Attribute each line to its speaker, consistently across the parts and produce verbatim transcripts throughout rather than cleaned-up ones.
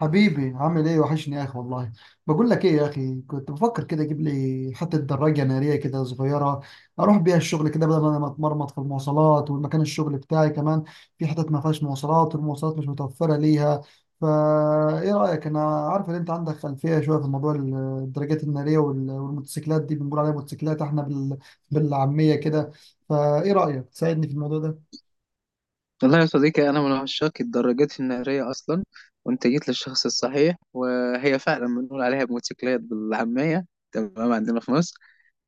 Speaker 1: حبيبي عامل ايه؟ وحشني يا اخي والله. بقول لك ايه يا اخي، كنت بفكر كده اجيب لي حته دراجه ناريه كده صغيره اروح بيها الشغل، كده بدل ما انا اتمرمط في المواصلات، والمكان الشغل بتاعي كمان في حتت ما فيهاش مواصلات، والمواصلات مش متوفره ليها. فا ايه رايك؟ انا عارف ان انت عندك خلفيه شويه في موضوع ال- الدراجات الناريه وال- والموتوسيكلات دي، بنقول عليها موتوسيكلات احنا بال... بالعاميه كده. فايه رايك تساعدني في الموضوع ده؟
Speaker 2: والله يا صديقي، أنا من عشاق الدراجات النارية أصلا، وأنت جيت للشخص الصحيح. وهي فعلا بنقول عليها موتوسيكلات بالعامية تمام عندنا في مصر.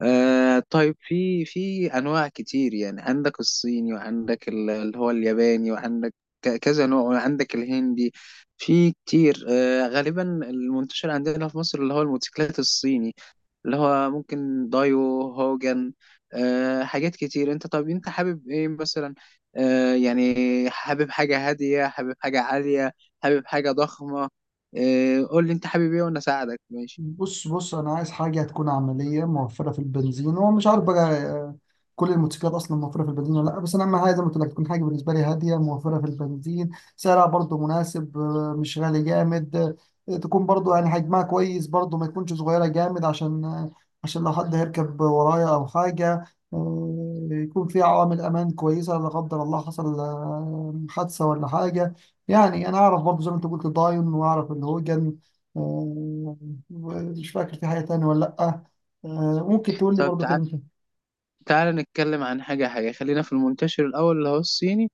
Speaker 2: آه طيب، في في أنواع كتير. يعني عندك الصيني، وعندك ال- اللي هو الياباني، وعندك ك- كذا نوع، وعندك الهندي في كتير. آه، غالبا المنتشر عندنا في مصر اللي هو الموتوسيكلات الصيني، اللي هو ممكن دايو هوجن. أه، حاجات كتير. انت طب انت حابب ايه مثلا؟ أه يعني حابب حاجة هادية، حابب حاجة عالية، حابب حاجة ضخمة؟ أه قول لي انت حابب ايه وانا اساعدك. ماشي.
Speaker 1: بص بص انا عايز حاجه تكون عمليه، موفره في البنزين. هو مش عارف بقى، آه، كل الموتوسيكلات اصلا موفره في البنزين ولا لا، بس انا اهم حاجه زي ما قلت لك تكون حاجه بالنسبه لي هاديه موفره في البنزين. سعرها برضو مناسب، آه، مش غالي جامد. آه، تكون برضو يعني حجمها كويس برضو، ما تكونش صغيره جامد، عشان آه، عشان لو حد هيركب ورايا او حاجه. آه، يكون فيها عوامل امان كويسه، لا قدر الله حصل آه، حادثه ولا حاجه. يعني انا اعرف برضو زي ما انت قلت داين، واعرف الهوجن. آه، مش فاكر في حاجة تانية ولا لأ. آه، ممكن تقول لي
Speaker 2: طب
Speaker 1: برضو
Speaker 2: تع...
Speaker 1: كلمتين.
Speaker 2: تعال نتكلم عن حاجة حاجة. خلينا في المنتشر الأول اللي هو الصيني،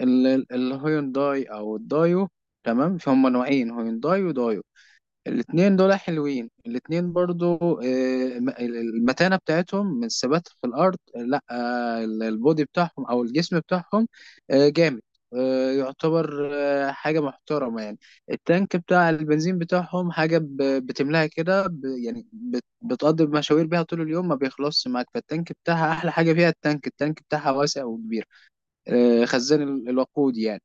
Speaker 2: ال- ال- الهيونداي أو الدايو. تمام، في هما نوعين، هيونداي ودايو. الاتنين دول حلوين الاتنين برضو. آه، الم- المتانة بتاعتهم من الثبات في الأرض، آه، لا آه، البودي بتاعهم أو الجسم بتاعهم آه، جامد، آه، يعتبر آه، حاجة محترمة يعني. التانك بتاع البنزين بتاعهم حاجة ب- بتملاها كده، ب- يعني بت- بتقضي مشاوير بيها طول اليوم ما بيخلصش معاك. فالتانك بتاعها أحلى حاجة فيها. التانك التانك بتاعها واسع وكبير، آه، خزان ال- الوقود يعني.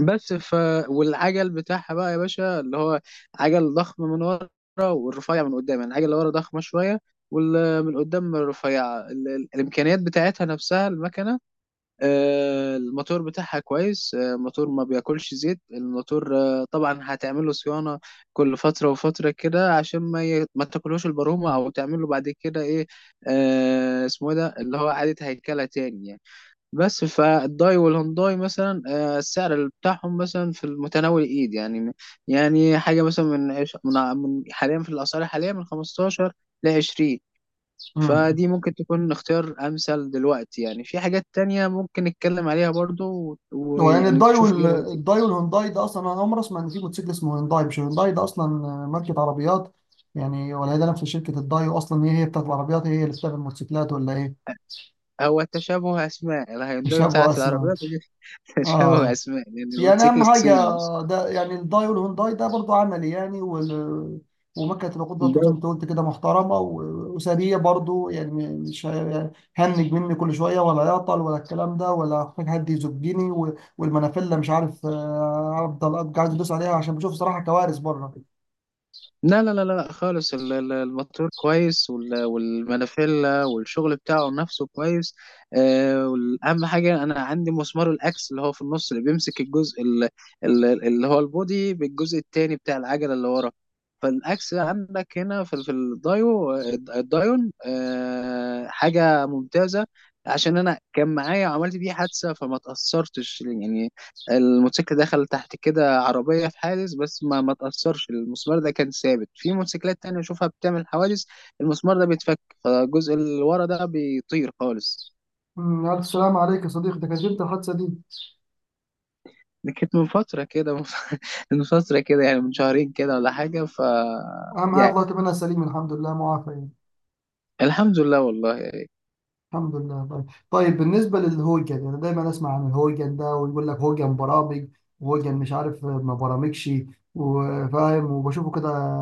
Speaker 2: بس ف والعجل بتاعها بقى يا باشا، اللي هو عجل ضخم من ورا والرفيع من قدام. يعني العجل اللي ورا ضخمه شويه والمن قدام رفيعه. ال- ال- الامكانيات بتاعتها نفسها، المكنه، آه، الموتور بتاعها كويس. آه، الموتور ما بياكلش زيت الموتور. آه، طبعا هتعمل له صيانه كل فتره وفتره كده، عشان ما ي... ما تاكلهوش البرومه، او تعمل له بعد كده ايه، آه، اسمه إيه ده اللي هو اعاده هيكله تاني يعني. بس فالداي والهونداي مثلا، آه، السعر بتاعهم مثلا في المتناول الايد يعني. يعني حاجه مثلا من عش- من ع- من حاليا، في الاسعار حاليا، من خمسة عشر ل عشرين.
Speaker 1: امم،
Speaker 2: فدي ممكن تكون اختيار امثل دلوقتي يعني. في حاجات تانية ممكن نتكلم عليها برضو و-
Speaker 1: هو يعني
Speaker 2: ويعني
Speaker 1: الداي
Speaker 2: تشوف
Speaker 1: وال...
Speaker 2: ايه رأيك فيها.
Speaker 1: الداي والهونداي ده أصلا، أنا أول مرة أسمع إن في موتوسيكل اسمه هونداي. مش هونداي ده أصلا آه، ماركة عربيات؟ يعني، ولا هي ده نفس شركة الداي؟ وأصلا هي هي بتاعت العربيات، هي هي اللي بتعمل الموتوسيكلات ولا إيه؟
Speaker 2: هو تشابه اسماء،
Speaker 1: مش
Speaker 2: الهيونداي
Speaker 1: أبو
Speaker 2: بتاعت
Speaker 1: أسماء.
Speaker 2: العربيات دي. تشابه
Speaker 1: آه
Speaker 2: اسماء، لان يعني
Speaker 1: يعني
Speaker 2: الموتوسيكل
Speaker 1: اهم حاجه،
Speaker 2: الصيني بس.
Speaker 1: ده يعني الداي والهونداي ده برضو عملي يعني، وال ومكنة الوقود برضه زي ما انت قلت كده محترمة، و- وسريع برضه يعني، م- مش هي- يعني هنج مني كل شوية ولا يعطل ولا الكلام ده، ولا هحتاج حد يزجني، و- والمنافلة مش عارف. آه، أفضل أبقى عايز أدوس عليها عشان بشوف صراحة كوارث بره.
Speaker 2: لا لا لا لا خالص، ال- ال- الموتور كويس، وال- والمانيفيلا والشغل بتاعه نفسه كويس. آه، والأهم حاجة أنا عندي مسمار الأكس، اللي هو في النص، اللي بيمسك الجزء ال- ال- اللي هو البودي بالجزء التاني بتاع العجلة اللي ورا. فالأكس عندك هنا في في الدايو، الدايون، آه، حاجة ممتازة. عشان أنا كان معايا وعملت بيه حادثة فما تأثرتش يعني. الموتوسيكل دخل تحت كده عربية في حادث، بس ما ما تأثرش. المسمار ده كان ثابت. في موتوسيكلات تانية أشوفها بتعمل حوادث، المسمار ده بيتفك فالجزء اللي ورا ده بيطير خالص.
Speaker 1: أمم، ألف سلام عليك يا صديقي. ده كانت امتى الحادثة دي؟
Speaker 2: دي كانت من فترة كده. من فترة كده، يعني من شهرين كده ولا حاجة. ف
Speaker 1: أهم حاجة
Speaker 2: يعني
Speaker 1: طلعت منها سليم، الحمد لله معافى يعني.
Speaker 2: الحمد لله والله.
Speaker 1: الحمد لله، طيب. طيب بالنسبة للهوجن، أنا دايما أسمع عن الهوجن ده، ويقول لك هوجن برامج، هوجن مش عارف ما برامجش. وفاهم وبشوفه كده،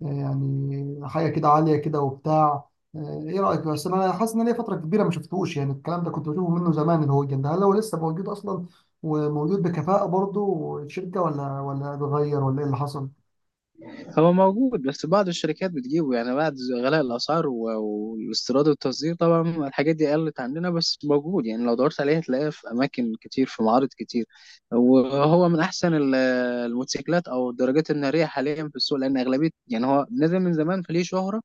Speaker 1: يعني حاجة كده عالية كده وبتاع. إيه رأيك؟ بس أنا حاسس إن أنا ليا فترة كبيرة ما شفتهوش، يعني الكلام ده كنت بشوفه منه زمان. الهوجن ده هل هو لسه موجود أصلا وموجود بكفاءة برضه الشركة، ولا ولا اتغير ولا إيه اللي حصل؟
Speaker 2: هو موجود، بس بعض الشركات بتجيبه يعني بعد غلاء الأسعار و- والاستيراد والتصدير. طبعا الحاجات دي قلت عندنا، بس موجود. يعني لو دورت عليه هتلاقيه في أماكن كتير، في معارض كتير. وهو من أحسن ال- الموتوسيكلات أو الدراجات النارية حاليا في السوق، لأن أغلبية يعني هو نزل من زمان فليه شهرة.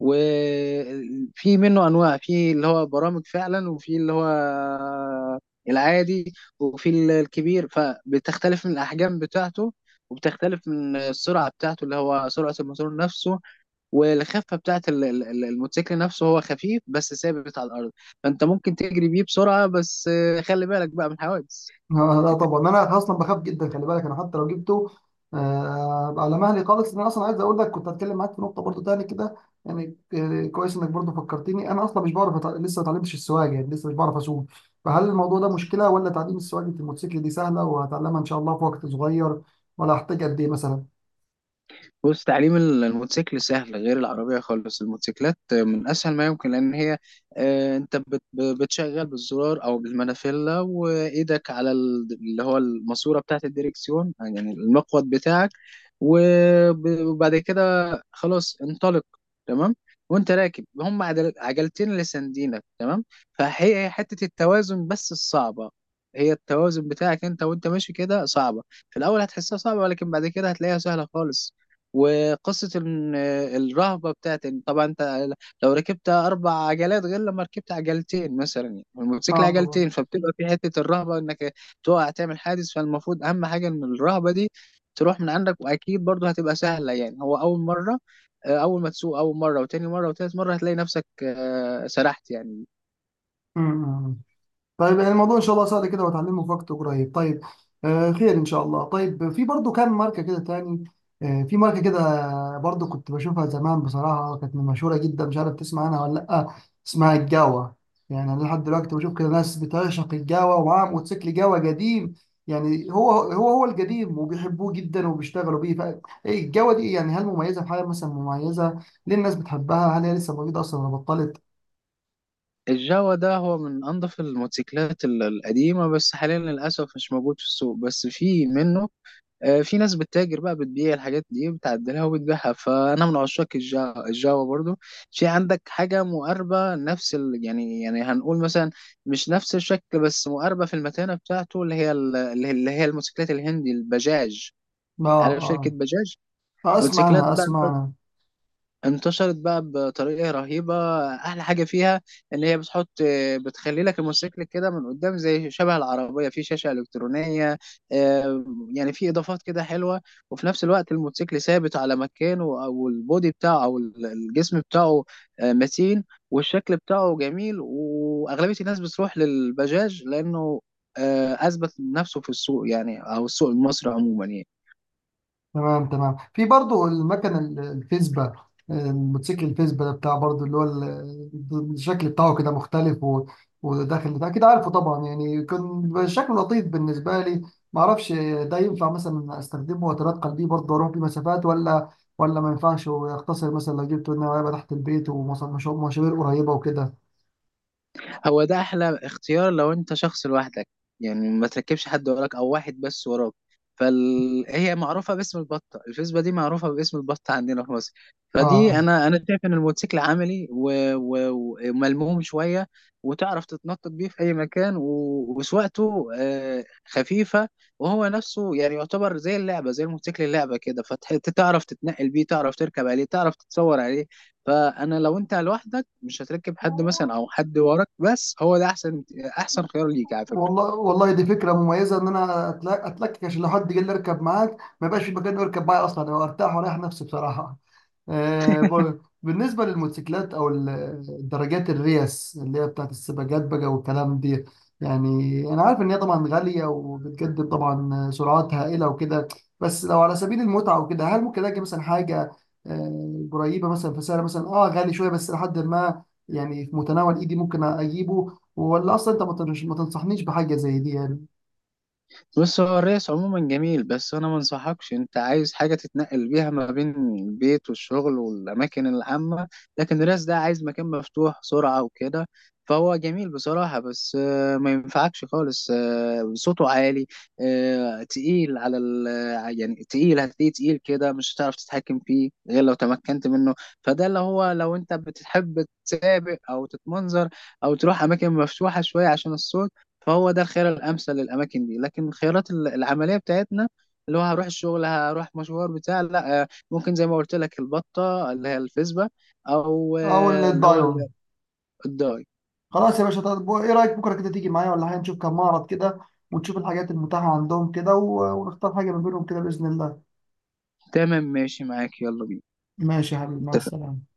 Speaker 2: وفي منه انواع، في اللي هو برامج فعلا، وفي اللي هو العادي، وفي ال- الكبير. فبتختلف من الاحجام بتاعته وبتختلف من السرعه بتاعته، اللي هو سرعه الموتور نفسه، والخفه بتاعت ال- ال- ال- الموتوسيكل نفسه. هو خفيف بس ثابت على الارض، فانت ممكن تجري بيه بسرعه، بس خلي بالك بقى من الحوادث.
Speaker 1: آه، لا طبعا انا اصلا بخاف جدا، خلي بالك انا حتى لو جبته آه، ابقى على مهلي خالص. انا اصلا عايز اقول لك كنت هتكلم معاك في نقطه برضو تاني كده، يعني آه، كويس انك برضو فكرتني. انا اصلا مش بعرف أتع- لسه ما اتعلمتش السواقه، يعني لسه مش بعرف اسوق. فهل الموضوع ده مشكله؟ ولا تعليم السواقه الموتوسيكل دي سهله وهتعلمها ان شاء الله في وقت صغير؟ ولا هحتاج قد ايه مثلا؟
Speaker 2: بص، تعليم ال- الموتوسيكل سهل، غير العربية خالص. الموتوسيكلات من أسهل ما يمكن، لأن هي آه، أنت بت- ب- بتشغل بالزرار أو بالمانيفيلا، وإيدك على ال- اللي هو الماسورة بتاعة الديركسيون، يعني المقود بتاعك. وب- وبعد كده خلاص انطلق. تمام، وأنت راكب هم عدل- عجلتين اللي ساندينك تمام. فهي هي حتة التوازن بس الصعبة، هي التوازن بتاعك أنت وأنت ماشي كده صعبة. في الأول هتحسها صعبة، ولكن بعد كده هتلاقيها سهلة خالص. وقصة إن الرهبة بتاعت إن طبعا أنت لو ركبت أربع عجلات غير لما ركبت عجلتين مثلا، يعني والموتوسيكل
Speaker 1: اه
Speaker 2: عجلتين، فبتبقى في حتة الرهبة إنك تقع تعمل حادث. فالمفروض أهم حاجة إن الرهبة دي تروح من عندك، وأكيد برضه هتبقى سهلة يعني. هو أول مرة، آه، أول ما تسوق أول مرة وتاني مرة وتالت مرة هتلاقي نفسك آه، سرحت يعني.
Speaker 1: طبعا. طيب يعني الموضوع ان شاء الله سهل كده وهتعلمه في وقت قريب، طيب. آه خير ان شاء الله. طيب في برضو كام ماركه كده تاني؟ آه في ماركه كده برضو كنت بشوفها زمان، بصراحه كانت مشهوره جدا، مش عارف تسمع عنها ولا لا، اسمها الجاوا. يعني انا لحد دلوقتي بشوف كده ناس بتعشق الجاوا ومعاها موتوسيكل جاوا قديم، يعني هو هو هو القديم وبيحبوه جدا وبيشتغلوا بيه. فالجاوا دي يعني هل مميزه في حاجه مثلا؟ مميزه ليه الناس بتحبها؟ هل هي لسه موجوده اصلا ولا بطلت؟
Speaker 2: الجاوا ده هو من أنظف الموتوسيكلات ال- القديمة، بس حاليا للأسف مش موجود في السوق، بس في منه. آه، في ناس بتتاجر بقى، بتبيع الحاجات دي، بتعدلها وبتبيعها. فانا من عشاق الجا- الجافا برضو. في عندك حاجه مقاربه نفس ال... يعني، يعني هنقول مثلا مش نفس الشكل، بس مقاربه في المتانه بتاعته، اللي هي ال- اللي هي اللي هي الموتوسيكلات الهندي، البجاج. عارف شركه
Speaker 1: اه.
Speaker 2: بجاج؟
Speaker 1: اه اسمع
Speaker 2: موتوسيكلات
Speaker 1: عنها
Speaker 2: بقى
Speaker 1: اسمع عنها
Speaker 2: انتشرت بقى بطريقة رهيبة. أحلى حاجة فيها إن هي بتحط، بتخلي لك الموتوسيكل كده من قدام زي شبه العربية في شاشة إلكترونية. آه، يعني في إضافات كده حلوة، وفي نفس الوقت الموتوسيكل ثابت على مكانه، أو البودي بتاعه أو الجسم بتاعه آه، متين، والشكل بتاعه جميل. وأغلبية الناس بتروح للبجاج لأنه آه، أثبت نفسه في السوق يعني، أو السوق المصري عموما يعني.
Speaker 1: تمام تمام. في برضو المكنة ال- الفيسبا، الموتوسيكل الفيسبا ده بتاع برضو، اللي هو ال- الشكل بتاعه كده مختلف، و- وداخل بتاع كده، عارفه طبعا يعني، كان شكله لطيف بالنسبة لي. ما اعرفش، ده ينفع مثلا استخدمه واتنقل بيه برضه اروح بيه مسافات، ولا ولا ما ينفعش؟ ويختصر مثلا لو جبته، ان هو يبقى تحت البيت ومشاوير قريبة وكده.
Speaker 2: هو ده احلى اختيار لو انت شخص لوحدك، يعني ما تركبش حد وراك، او واحد بس وراك. فهي معروفه باسم البطه، الفيسبا دي معروفه باسم البطه عندنا في مصر. فدي،
Speaker 1: اه.
Speaker 2: انا انا شايف ان الموتوسيكل عملي و- و- وملموم شويه، وتعرف تتنطط بيه في اي مكان، و- وسواقته آه، خفيفه. وهو نفسه يعني يعتبر زي اللعبه، زي الموتوسيكل اللعبه كده. فتعرف تتنقل بيه، تعرف تركب عليه، تعرف تتصور عليه. فانا لو انت لوحدك مش هتركب حد،
Speaker 1: آه.
Speaker 2: مثلا او حد وراك بس، هو ده احسن، احسن خيار ليك على فكرة.
Speaker 1: والله والله دي فكرة مميزة، إن أنا أتل- أتلكك، عشان لو حد جه لي يركب معاك ما يبقاش في مكان يركب معايا أصلا، أو أرتاح وأريح نفسي بصراحة. آه، ب- بالنسبة للموتوسيكلات أو ال- الدراجات الريس اللي هي بتاعت السباقات بقى والكلام دي، يعني أنا عارف إن هي طبعا غالية وبتقدم طبعا سرعات هائلة وكده، بس لو على سبيل المتعة وكده، هل ممكن ألاقي مثلا حاجة آه، قريبة مثلا في سعر مثلا، أه غالي شوية بس لحد ما يعني في متناول إيدي ممكن أجيبه؟ ولا اصلا انت ما تنش- ما تنصحنيش بحاجه زي دي يعني؟
Speaker 2: بص، هو الريس عموما جميل، بس انا ما انصحكش. انت عايز حاجه تتنقل بيها ما بين البيت والشغل والاماكن العامه، لكن الريس ده عايز مكان مفتوح، سرعه وكده. فهو جميل بصراحه، بس آه، ما ينفعكش خالص. آه، صوته عالي، آه، تقيل على ال يعني تقيل، هتلاقيه تقيل كده، مش هتعرف تتحكم فيه غير لو تمكنت منه. فده اللي هو لو انت بتحب تسابق او تتمنظر، او تروح اماكن مفتوحه شويه عشان الصوت، فهو ده الخيار الامثل للاماكن دي. لكن الخيارات ال- العمليه بتاعتنا، اللي هو هروح الشغل، هروح مشوار بتاع، لا آه، ممكن زي ما قلت لك البطه اللي هي الفيسبا، او
Speaker 1: او
Speaker 2: آه، اللي هو ال-
Speaker 1: الدايون.
Speaker 2: الضاي.
Speaker 1: خلاص يا باشا. طب ايه رايك بكره كده تيجي معايا ولا حاجه، نشوف كم معرض كده ونشوف الحاجات المتاحه عندهم كده، و- ونختار حاجه ما بينهم كده باذن الله.
Speaker 2: تمام، ماشي معاك، يلا بينا.
Speaker 1: ماشي يا حبيبي، مع
Speaker 2: اتفق.
Speaker 1: السلامه.